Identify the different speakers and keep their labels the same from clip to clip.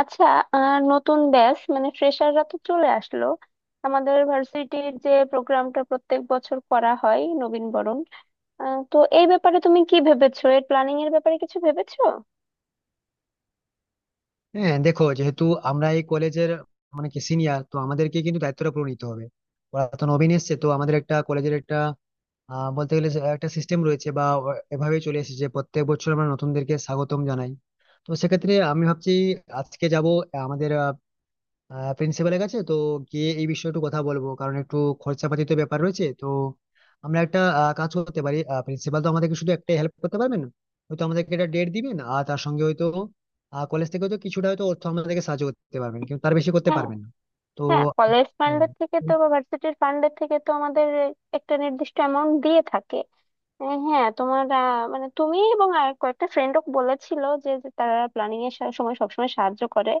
Speaker 1: আচ্ছা। নতুন ব্যাচ মানে ফ্রেশাররা তো চলে আসলো। আমাদের ভার্সিটির যে প্রোগ্রামটা প্রত্যেক বছর করা হয়, নবীনবরণ। তো এই ব্যাপারে তুমি কি ভেবেছো? এর প্ল্যানিং এর ব্যাপারে কিছু ভেবেছো?
Speaker 2: হ্যাঁ দেখো, যেহেতু আমরা এই কলেজের মানে কি সিনিয়র, তো আমাদেরকে কিন্তু দায়িত্বটা পুরো নিতে হবে। ওরা তো নবীন এসছে, তো আমাদের একটা কলেজের একটা বলতে গেলে যে একটা সিস্টেম রয়েছে বা এভাবেই চলে এসেছে যে প্রত্যেক বছর আমরা নতুনদেরকে স্বাগতম জানাই। তো সেক্ষেত্রে আমি ভাবছি, আজকে যাব আমাদের প্রিন্সিপালের কাছে, তো গিয়ে এই বিষয়ে একটু কথা বলবো, কারণ একটু খরচাপাতি তো ব্যাপার রয়েছে। তো আমরা একটা কাজ করতে পারি। প্রিন্সিপাল তো আমাদেরকে শুধু একটা হেল্প করতে পারবেন, হয়তো আমাদেরকে একটা ডেট দিবেন, আর তার সঙ্গে হয়তো কলেজ থেকে হয়তো কিছুটা হয়তো অর্থ আমাদেরকে সাহায্য করতে পারবেন, কিন্তু তার বেশি করতে
Speaker 1: হ্যাঁ,
Speaker 2: পারবেন না। তো
Speaker 1: হ্যাঁ, কলেজ
Speaker 2: হুম।
Speaker 1: ফান্ডের থেকে তো বা ভার্সিটির ফান্ডের থেকে তো আমাদের একটা নির্দিষ্ট অ্যামাউন্ট দিয়ে থাকে। হ্যাঁ, তোমার মানে তুমি এবং আর কয়েকটা ফ্রেন্ডও বলেছিল যে যে তারা প্ল্যানিং এর সময় সবসময় সাহায্য করে।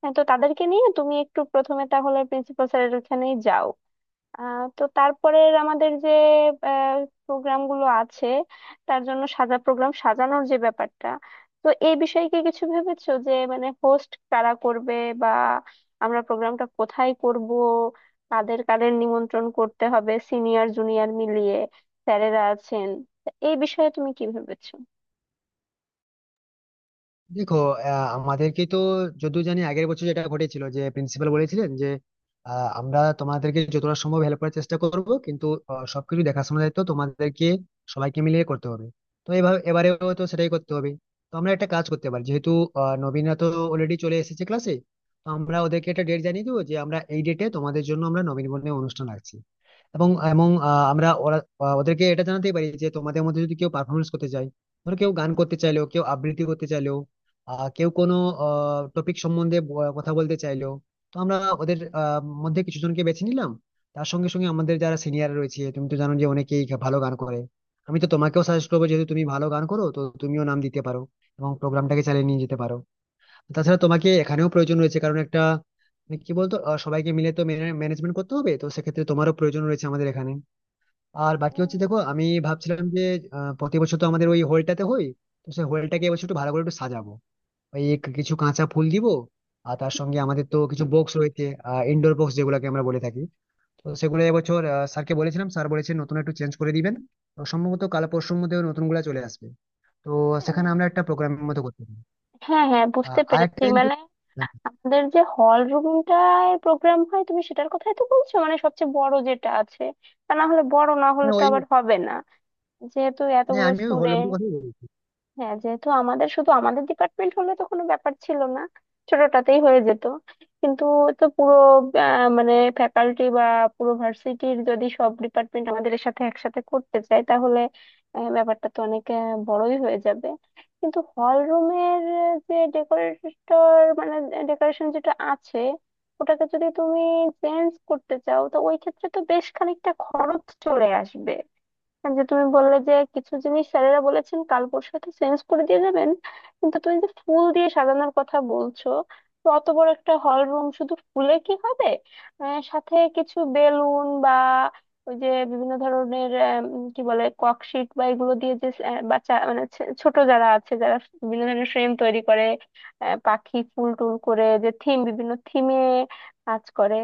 Speaker 1: হ্যাঁ, তো তাদেরকে নিয়ে তুমি একটু প্রথমে তাহলে প্রিন্সিপাল স্যারের ওখানেই যাও। তো তারপরে আমাদের যে প্রোগ্রাম গুলো আছে তার জন্য প্রোগ্রাম সাজানোর যে ব্যাপারটা, তো এই বিষয়ে কি কিছু ভেবেছো? যে মানে হোস্ট কারা করবে, বা আমরা প্রোগ্রামটা কোথায় করব, কাদের কাদের নিমন্ত্রণ করতে হবে সিনিয়র জুনিয়র মিলিয়ে, স্যারেরা আছেন, তা এই বিষয়ে তুমি কি ভেবেছো?
Speaker 2: দেখো, আমাদেরকে তো যতদূর জানি আগের বছর যেটা ঘটেছিল, যে প্রিন্সিপাল বলেছিলেন যে আমরা তোমাদেরকে যতটা সম্ভব হেল্প করার চেষ্টা করব, কিন্তু সবকিছু দেখাশোনার দায়িত্ব তোমাদেরকে সবাইকে মিলিয়ে করতে হবে। তো এভাবে এবারেও তো সেটাই করতে হবে। তো আমরা একটা কাজ করতে পারি, যেহেতু নবীনরা তো অলরেডি চলে এসেছে ক্লাসে, তো আমরা ওদেরকে একটা ডেট জানিয়ে দেবো যে আমরা এই ডেটে তোমাদের জন্য আমরা নবীনবরণের অনুষ্ঠান রাখছি। এবং এবং আহ, আমরা ওরা আহ, ওদেরকে এটা জানাতেই পারি যে তোমাদের মধ্যে যদি কেউ পারফরমেন্স করতে চায়, ধরো কেউ গান করতে চাইলো, কেউ আবৃত্তি করতে চাইলো, কেউ কোনো টপিক সম্বন্ধে কথা বলতে চাইলো, তো আমরা ওদের মধ্যে কিছু জনকে বেছে নিলাম। তার সঙ্গে সঙ্গে আমাদের যারা সিনিয়র রয়েছে, তুমি তো জানো যে অনেকেই ভালো গান করে। আমি তো তোমাকেও সাজেস্ট করবো, যেহেতু তুমি ভালো গান করো, তো তুমিও নাম দিতে পারো এবং প্রোগ্রামটাকে চালিয়ে নিয়ে যেতে পারো। তাছাড়া তোমাকে এখানেও প্রয়োজন রয়েছে, কারণ একটা মানে কি বলতো, সবাইকে মিলে তো ম্যানেজমেন্ট করতে হবে, তো সেক্ষেত্রে তোমারও প্রয়োজন রয়েছে আমাদের এখানে। আর বাকি হচ্ছে, দেখো আমি ভাবছিলাম যে প্রতি বছর তো আমাদের ওই হলটাতে হয়, তো সেই হলটাকে এবছর একটু ভালো করে একটু সাজাবো। ওই কিছু কাঁচা ফুল দিব, আর তার সঙ্গে আমাদের তো কিছু বক্স রয়েছে, ইনডোর বক্স যেগুলোকে আমরা বলে থাকি। তো সেগুলো এবছর স্যারকে বলেছিলাম, স্যার বলেছেন নতুন একটু চেঞ্জ করে দিবেন, তো সম্ভবত কাল পরশুর মধ্যে ওই নতুনগুলা চলে আসবে। তো সেখানে আমরা একটা প্রোগ্রামের মতো করতে পারি।
Speaker 1: হ্যাঁ, হ্যাঁ, বুঝতে
Speaker 2: আর
Speaker 1: পেরেছি।
Speaker 2: একটা
Speaker 1: মানে
Speaker 2: জিনিস-
Speaker 1: আমাদের যে হল রুমটায় প্রোগ্রাম হয় তুমি সেটার কথাই তো বলছো, মানে সবচেয়ে বড় যেটা আছে। তা না হলে, বড় না হলে
Speaker 2: হ্যাঁ,
Speaker 1: তো
Speaker 2: ওই।
Speaker 1: আবার হবে না, যেহেতু
Speaker 2: হ্যাঁ,
Speaker 1: এতগুলো
Speaker 2: আমিও হলুদটার
Speaker 1: স্টুডেন্ট।
Speaker 2: কথাই বলছি।
Speaker 1: হ্যাঁ, যেহেতু আমাদের শুধু আমাদের ডিপার্টমেন্ট হলে তো কোনো ব্যাপার ছিল না, ছোটটাতেই হয়ে যেত, কিন্তু তো পুরো মানে ফ্যাকাল্টি বা পুরো ভার্সিটির যদি সব ডিপার্টমেন্ট আমাদের এর সাথে একসাথে করতে চায় তাহলে ব্যাপারটা তো অনেক বড়ই হয়ে যাবে। কিন্তু হল রুমের যে ডেকোরেটর মানে ডেকোরেশন যেটা আছে, ওটাকে যদি তুমি চেঞ্জ করতে চাও তো ওই ক্ষেত্রে তো বেশ খানিকটা খরচ চলে আসবে। আর যে তুমি বললে যে কিছু জিনিস স্যারেরা বলেছেন কাল পরশু হয়তো চেঞ্জ করে দিয়ে যাবেন, কিন্তু তুমি যে ফুল দিয়ে সাজানোর কথা বলছো, তো অত বড় একটা হল রুম শুধু ফুলে কি হবে? সাথে কিছু বেলুন, বা ওই যে বিভিন্ন ধরনের কি বলে, ককশিট বা এগুলো দিয়ে যে বাচ্চা মানে ছোট যারা আছে, যারা বিভিন্ন ধরনের ফ্রেম তৈরি করে, পাখি ফুল টুল করে, যে থিম, বিভিন্ন থিমে কাজ করে,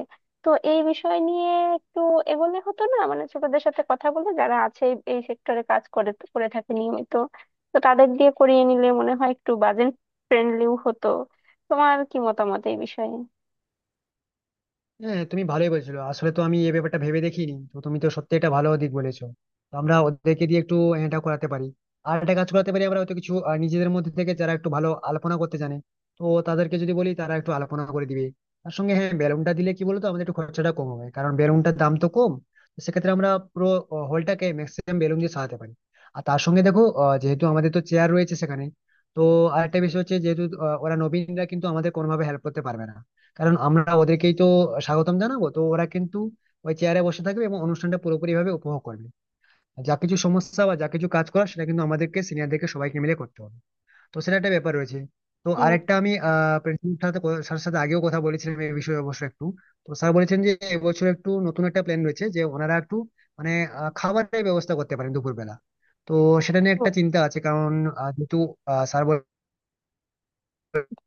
Speaker 1: তো এই বিষয় নিয়ে একটু এগোলে হতো না? মানে ছোটদের সাথে কথা বলে, যারা আছে এই এই সেক্টরে কাজ করে করে থাকে নিয়মিত, তো তাদের দিয়ে করিয়ে নিলে মনে হয় একটু বাজেট ফ্রেন্ডলিও হতো। তোমার কি মতামত এই বিষয়ে?
Speaker 2: হ্যাঁ, তুমি ভালোই বলছো, আসলে তো আমি এই ব্যাপারটা ভেবে দেখিনি, তো তুমি তো সত্যি এটা ভালো দিক বলেছো। তো আমরা ওদেরকে দিয়ে একটু এটা করাতে পারি। আর একটা কাজ করাতে পারি, আমরা হয়তো কিছু নিজেদের মধ্যে থেকে যারা একটু ভালো আলপনা করতে জানে, তো তাদেরকে যদি বলি তারা একটু আলপনা করে দিবে। তার সঙ্গে হ্যাঁ, বেলুনটা দিলে কি বলতো আমাদের একটু খরচাটা কম হবে, কারণ বেলুনটার দাম তো কম। তো সেক্ষেত্রে আমরা পুরো হলটাকে ম্যাক্সিমাম বেলুন দিয়ে সাজাতে পারি। আর তার সঙ্গে দেখো, যেহেতু আমাদের তো চেয়ার রয়েছে সেখানে, তো আরেকটা বিষয় হচ্ছে, যেহেতু ওরা নবীনরা কিন্তু আমাদের কোনোভাবে হেল্প করতে পারবে না, কারণ আমরা ওদেরকেই তো স্বাগতম জানাবো, তো ওরা কিন্তু ওই চেয়ারে বসে থাকবে এবং অনুষ্ঠানটা পুরোপুরি ভাবে উপভোগ করবে। আর যা কিছু সমস্যা বা যা কিছু কাজ করার, সেটা কিন্তু আমাদেরকে সিনিয়রদেরকে সবাইকে মিলে করতে হবে। তো সেটা একটা ব্যাপার রয়েছে। তো
Speaker 1: হ্যাঁ,
Speaker 2: আরেকটা, আমি প্রিন্সিপাল সাথে স্যারের সাথে আগেও কথা বলেছিলাম এই বিষয়ে অবশ্য একটু। তো স্যার বলেছেন যে এবছর একটু নতুন একটা প্ল্যান রয়েছে, যে ওনারা একটু মানে খাবারের ব্যবস্থা করতে পারেন দুপুরবেলা। তো সেটা নিয়ে
Speaker 1: তো
Speaker 2: একটা চিন্তা আছে, কারণ যেহেতু স্যার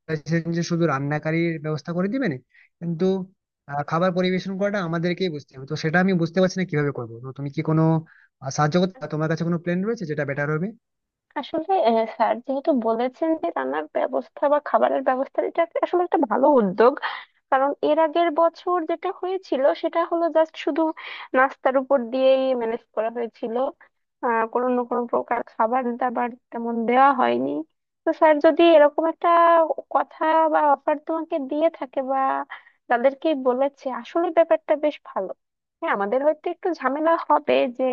Speaker 2: চাইছেন যে শুধু রান্নাকারীর ব্যবস্থা করে দিবেন, কিন্তু খাবার পরিবেশন করাটা আমাদেরকেই বুঝতে হবে, তো সেটা আমি বুঝতে পারছি না কিভাবে করবো। তো তুমি কি কোনো সাহায্য করতে তোমার কাছে কোনো প্ল্যান রয়েছে যেটা বেটার হবে?
Speaker 1: আসলে স্যার যেহেতু বলেছেন যে রান্নার ব্যবস্থা বা খাবারের ব্যবস্থা, এটা আসলে একটা ভালো উদ্যোগ। কারণ এর আগের বছর যেটা হয়েছিল সেটা হলো জাস্ট শুধু নাস্তার উপর দিয়েই ম্যানেজ করা হয়েছিল। কোনো না কোনো প্রকার খাবার দাবার তেমন দেওয়া হয়নি। তো স্যার যদি এরকম একটা কথা বা অফার তোমাকে দিয়ে থাকে বা তাদেরকে বলেছে, আসলে ব্যাপারটা বেশ ভালো। হ্যাঁ, আমাদের হয়তো একটু ঝামেলা হবে যে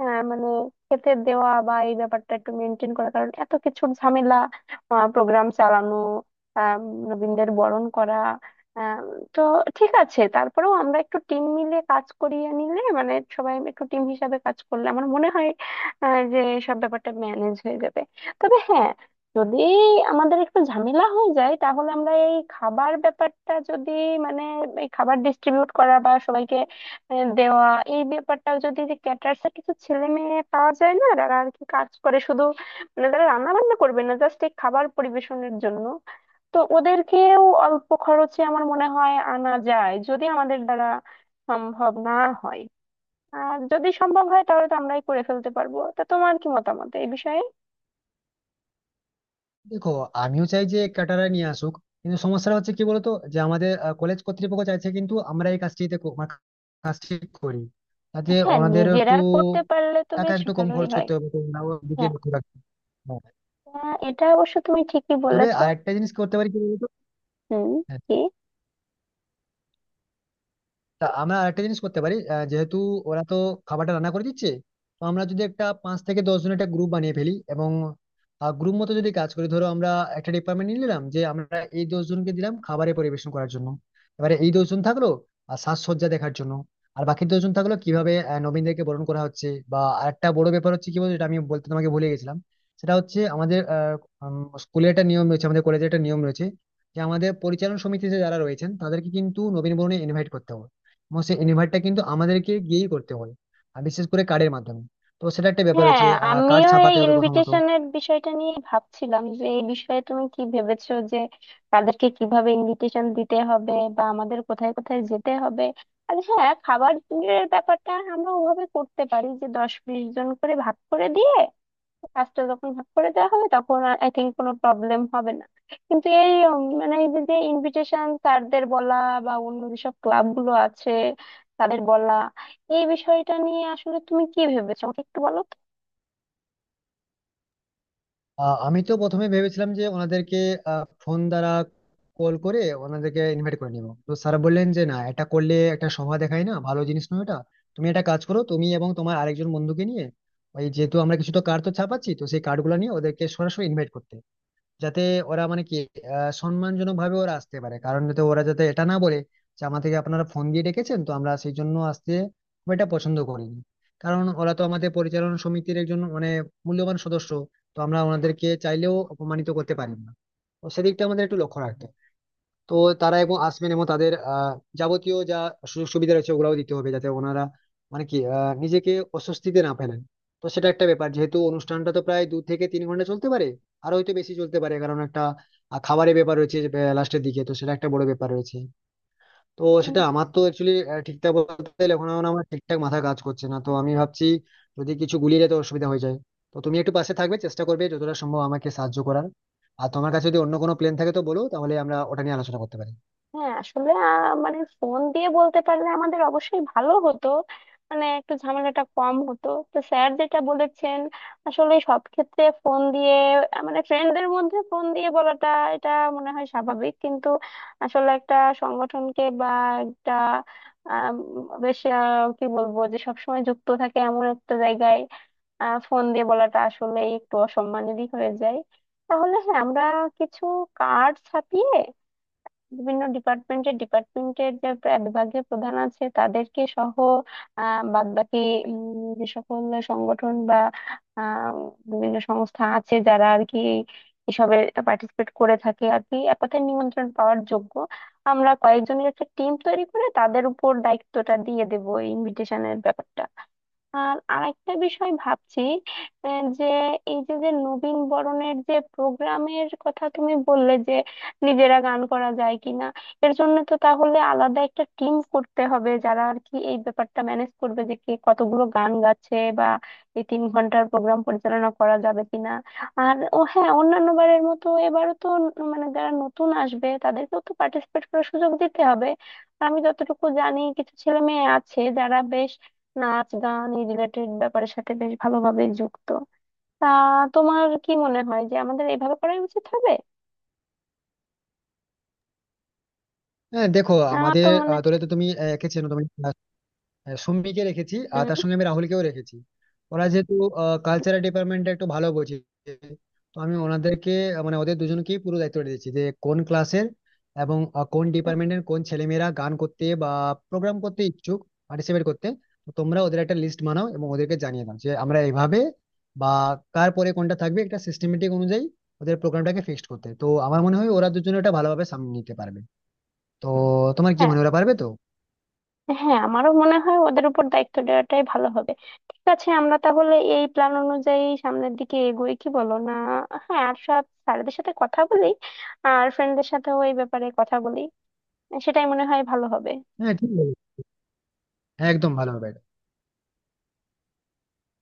Speaker 1: মানে খেতে দেওয়া বা এই ব্যাপারটা একটু মেনটেন করা, কারণ এত কিছুর ঝামেলা, প্রোগ্রাম চালানো, আহ, নবীনদের বরণ করা, আম, তো ঠিক আছে, তারপরেও আমরা একটু টিম মিলে কাজ করিয়ে নিলে মানে সবাই একটু টিম হিসাবে কাজ করলে আমার মনে হয় যে সব ব্যাপারটা ম্যানেজ হয়ে যাবে। তবে হ্যাঁ, যদি আমাদের একটু ঝামেলা হয়ে যায় তাহলে আমরা এই খাবার ব্যাপারটা যদি, মানে এই খাবার ডিস্ট্রিবিউট করা বা সবাইকে দেওয়া, এই ব্যাপারটা যদি, যে ক্যাটার্স এর কিছু ছেলে মেয়ে পাওয়া যায় না যারা আর কি কাজ করে শুধু, মানে তারা রান্না বান্না করবে না, জাস্ট এই খাবার পরিবেশনের জন্য, তো ওদেরকেও অল্প খরচে আমার মনে হয় আনা যায় যদি আমাদের দ্বারা সম্ভব না হয়। আর যদি সম্ভব হয় তাহলে তো আমরাই করে ফেলতে পারবো। তা তোমার কি মতামত এই বিষয়ে?
Speaker 2: দেখো, আমিও চাই যে ক্যাটারার নিয়ে আসুক, কিন্তু সমস্যাটা হচ্ছে কি বলতো, যে আমাদের কলেজ কর্তৃপক্ষ চাইছে কিন্তু আমরা এই কাজটিতে মানে কাজটি করি, তাতে
Speaker 1: হ্যাঁ,
Speaker 2: ওনাদেরও
Speaker 1: নিজেরা
Speaker 2: একটু
Speaker 1: করতে পারলে তো
Speaker 2: টাকা
Speaker 1: বেশ
Speaker 2: একটু কম
Speaker 1: ভালোই
Speaker 2: খরচ
Speaker 1: হয়।
Speaker 2: করতে হবে, তো ওনারাও দিকে
Speaker 1: হ্যাঁ,
Speaker 2: লক্ষ্য রাখতে হবে। হ্যাঁ।
Speaker 1: এটা অবশ্য তুমি ঠিকই
Speaker 2: তবে
Speaker 1: বলেছো।
Speaker 2: আরেকটা জিনিস করতে পারি কি বলতো।
Speaker 1: হুম। কি?
Speaker 2: তা আমরা আরেকটা জিনিস করতে পারি, যেহেতু ওরা তো খাবারটা রান্না করে দিচ্ছে, তো আমরা যদি একটা 5 থেকে 10 জনের একটা গ্রুপ বানিয়ে ফেলি এবং গ্রুপ মতো যদি কাজ করি, ধরো আমরা একটা ডিপার্টমেন্ট নিয়ে নিলাম, যে আমরা এই 10 জনকে দিলাম খাবারের পরিবেশন করার জন্য, এবারে এই 10 জন থাকলো আর সাজসজ্জা দেখার জন্য, আর বাকি 10 জন থাকলো কিভাবে নবীনদেরকে বরণ করা হচ্ছে। বা আরেকটা বড় ব্যাপার হচ্ছে কি বলতো, এটা আমি বলতে তোমাকে ভুলে গেছিলাম, সেটা হচ্ছে আমাদের স্কুলে একটা নিয়ম রয়েছে, আমাদের কলেজে একটা নিয়ম রয়েছে, যে আমাদের পরিচালন সমিতিতে যারা রয়েছেন তাদেরকে কিন্তু নবীন বরণে ইনভাইট করতে হবে, এবং সেই ইনভার্টটা কিন্তু আমাদেরকে গিয়েই করতে হয়, আর বিশেষ করে কার্ডের মাধ্যমে। তো সেটা একটা ব্যাপার
Speaker 1: হ্যাঁ,
Speaker 2: হচ্ছে, কার্ড
Speaker 1: আমিও এই
Speaker 2: ছাপাতে হবে প্রথমত।
Speaker 1: ইনভিটেশনের বিষয়টা নিয়ে ভাবছিলাম, যে এই বিষয়ে তুমি কি ভেবেছো, যে তাদেরকে কিভাবে ইনভিটেশন দিতে হবে বা আমাদের কোথায় কোথায় যেতে হবে। আর হ্যাঁ, খাবারের ব্যাপারটা আমরা ওভাবে করতে পারি যে দশ বিশ জন করে ভাগ করে দিয়ে কাজটা যখন ভাগ করে দেওয়া হবে তখন আই থিঙ্ক কোনো প্রবলেম হবে না। কিন্তু এই মানে এই যে যে ইনভিটেশন স্যারদের বলা বা অন্য যেসব ক্লাবগুলো আছে তাদের বলা, এই বিষয়টা নিয়ে আসলে তুমি কি ভেবেছো আমাকে একটু বলো
Speaker 2: আমি তো প্রথমে ভেবেছিলাম যে ওনাদেরকে ফোন দ্বারা কল করে ওনাদেরকে ইনভাইট করে নিবো, তো স্যার বললেন যে না, এটা করলে একটা শোভা দেখায় না, ভালো জিনিস নয় এটা। তুমি একটা কাজ করো, তুমি এবং তোমার আরেকজন বন্ধুকে নিয়ে, ওই যেহেতু আমরা কিছু তো কার্ড তো ছাপাচ্ছি, তো সেই কার্ডগুলো নিয়ে ওদেরকে সরাসরি ইনভাইট করতে, যাতে ওরা মানে কি সম্মানজনক ভাবে ওরা আসতে পারে, কারণ যাতে ওরা যাতে এটা না বলে যে আমাদেরকে আপনারা ফোন দিয়ে ডেকেছেন তো আমরা সেই জন্য আসতে খুব একটা পছন্দ করিনি। কারণ ওরা তো আমাদের পরিচালনা সমিতির একজন মানে মূল্যবান সদস্য, তো আমরা ওনাদেরকে চাইলেও অপমানিত করতে পারি না, তো সেদিকটা আমাদের একটু লক্ষ্য রাখতে হবে। তো তারা এবং আসবেন এবং তাদের যাবতীয় যা সুযোগ সুবিধা রয়েছে ওগুলাও দিতে হবে, যাতে ওনারা মানে কি নিজেকে অস্বস্তিতে না ফেলেন। তো সেটা একটা ব্যাপার, যেহেতু অনুষ্ঠানটা তো প্রায় 2 থেকে 3 ঘন্টা চলতে পারে, আর হয়তো বেশি চলতে পারে, কারণ একটা খাবারের ব্যাপার রয়েছে লাস্টের দিকে, তো সেটা একটা বড় ব্যাপার রয়েছে। তো
Speaker 1: তো।
Speaker 2: সেটা আমার তো অ্যাকচুয়ালি ঠিকঠাক বলতে গেলে এখন আমার ঠিকঠাক মাথা কাজ করছে না, তো আমি ভাবছি যদি কিছু গুলিয়ে যেতে অসুবিধা হয়ে যায়, তো তুমি একটু পাশে থাকবে, চেষ্টা করবে যতটা সম্ভব আমাকে সাহায্য করার। আর তোমার কাছে যদি অন্য কোনো প্ল্যান থাকে, তো বলো, তাহলে আমরা ওটা নিয়ে আলোচনা করতে পারি।
Speaker 1: হ্যাঁ, আসলে মানে ফোন দিয়ে বলতে পারলে আমাদের অবশ্যই ভালো হতো, মানে একটু ঝামেলাটা কম হতো। তো স্যার যেটা বলেছেন, আসলে সব ক্ষেত্রে ফোন দিয়ে মানে ফ্রেন্ডদের মধ্যে ফোন দিয়ে বলাটা এটা মনে হয় স্বাভাবিক, কিন্তু আসলে একটা সংগঠনকে বা একটা আম, বেশ কি বলবো, যে সবসময় যুক্ত থাকে এমন একটা জায়গায় ফোন দিয়ে বলাটা আসলে একটু অসম্মানেরই হয়ে যায়। তাহলে হ্যাঁ, আমরা কিছু কার্ড ছাপিয়ে বিভিন্ন ডিপার্টমেন্টের ডিপার্টমেন্টের যে বিভাগীয় প্রধান আছে তাদেরকে সহ, বাদ বাকি যে সকল সংগঠন বা আহ, বিভিন্ন সংস্থা আছে যারা আর কি এসবে পার্টিসিপেট করে থাকে আর কি, এক কথায় নিমন্ত্রণ পাওয়ার যোগ্য, আমরা কয়েকজনের একটা টিম তৈরি করে তাদের উপর দায়িত্বটা দিয়ে দেবো এই ইনভিটেশনের ব্যাপারটা। আর আরেকটা বিষয় ভাবছি, যে এই যে যে নবীন বরণের যে প্রোগ্রামের কথা তুমি বললে, যে নিজেরা গান করা যায় কিনা, এর জন্য তো তাহলে আলাদা একটা টিম করতে হবে যারা আর কি এই ব্যাপারটা ম্যানেজ করবে, যে কে কতগুলো গান গাচ্ছে বা এই 3 ঘন্টার প্রোগ্রাম পরিচালনা করা যাবে কিনা। আর ও হ্যাঁ, অন্যান্য বারের মতো এবারও তো মানে যারা নতুন আসবে তাদেরকেও তো পার্টিসিপেট করার সুযোগ দিতে হবে। আমি যতটুকু জানি কিছু ছেলে মেয়ে আছে যারা বেশ নাচ গান এই রিলেটেড ব্যাপারের সাথে বেশ ভালোভাবে যুক্ত। তা তোমার কি মনে হয় যে আমাদের এভাবে করাই উচিত হবে?
Speaker 2: হ্যাঁ দেখো,
Speaker 1: আমার তো
Speaker 2: আমাদের
Speaker 1: মনে।
Speaker 2: দলে তো তুমি একে চেনো, তুমি সৌমিককে রেখেছি আর
Speaker 1: হুম,
Speaker 2: তার সঙ্গে আমি রাহুলকেও রেখেছি। ওরা যেহেতু কালচারাল ডিপার্টমেন্টটা একটু ভালো বোঝে, তো আমি ওনাদেরকে মানে ওদের দুজনকেই পুরো দায়িত্ব দিয়েছি, যে কোন ক্লাসের এবং কোন
Speaker 1: হুম।
Speaker 2: ডিপার্টমেন্টের কোন ছেলেমেয়েরা গান করতে বা প্রোগ্রাম করতে ইচ্ছুক, পার্টিসিপেট করতে। তো তোমরা ওদের একটা লিস্ট বানাও এবং ওদেরকে জানিয়ে দাও যে আমরা এইভাবে বা কার পরে কোনটা থাকবে একটা সিস্টেমেটিক অনুযায়ী ওদের প্রোগ্রামটাকে ফিক্সড করতে। তো আমার মনে হয় ওরা দুজনে এটা ভালোভাবে সামনে নিতে পারবে। তো তোমার কি
Speaker 1: হ্যাঁ,
Speaker 2: মনে হয় ওরা পারবে তো?
Speaker 1: হ্যাঁ, আমারও মনে হয় ওদের উপর দায়িত্ব দেওয়াটাই ভালো হবে। ঠিক আছে, আমরা তাহলে এই প্ল্যান অনুযায়ী সামনের দিকে এগোই, কি বলো না? হ্যাঁ, আর সব স্যারদের সাথে কথা বলি আর ফ্রেন্ডদের সাথেও এই ব্যাপারে কথা বলি, সেটাই মনে হয় ভালো হবে।
Speaker 2: হ্যাঁ ঠিক বলেছো। হ্যাঁ একদম ভালো হবে এটা।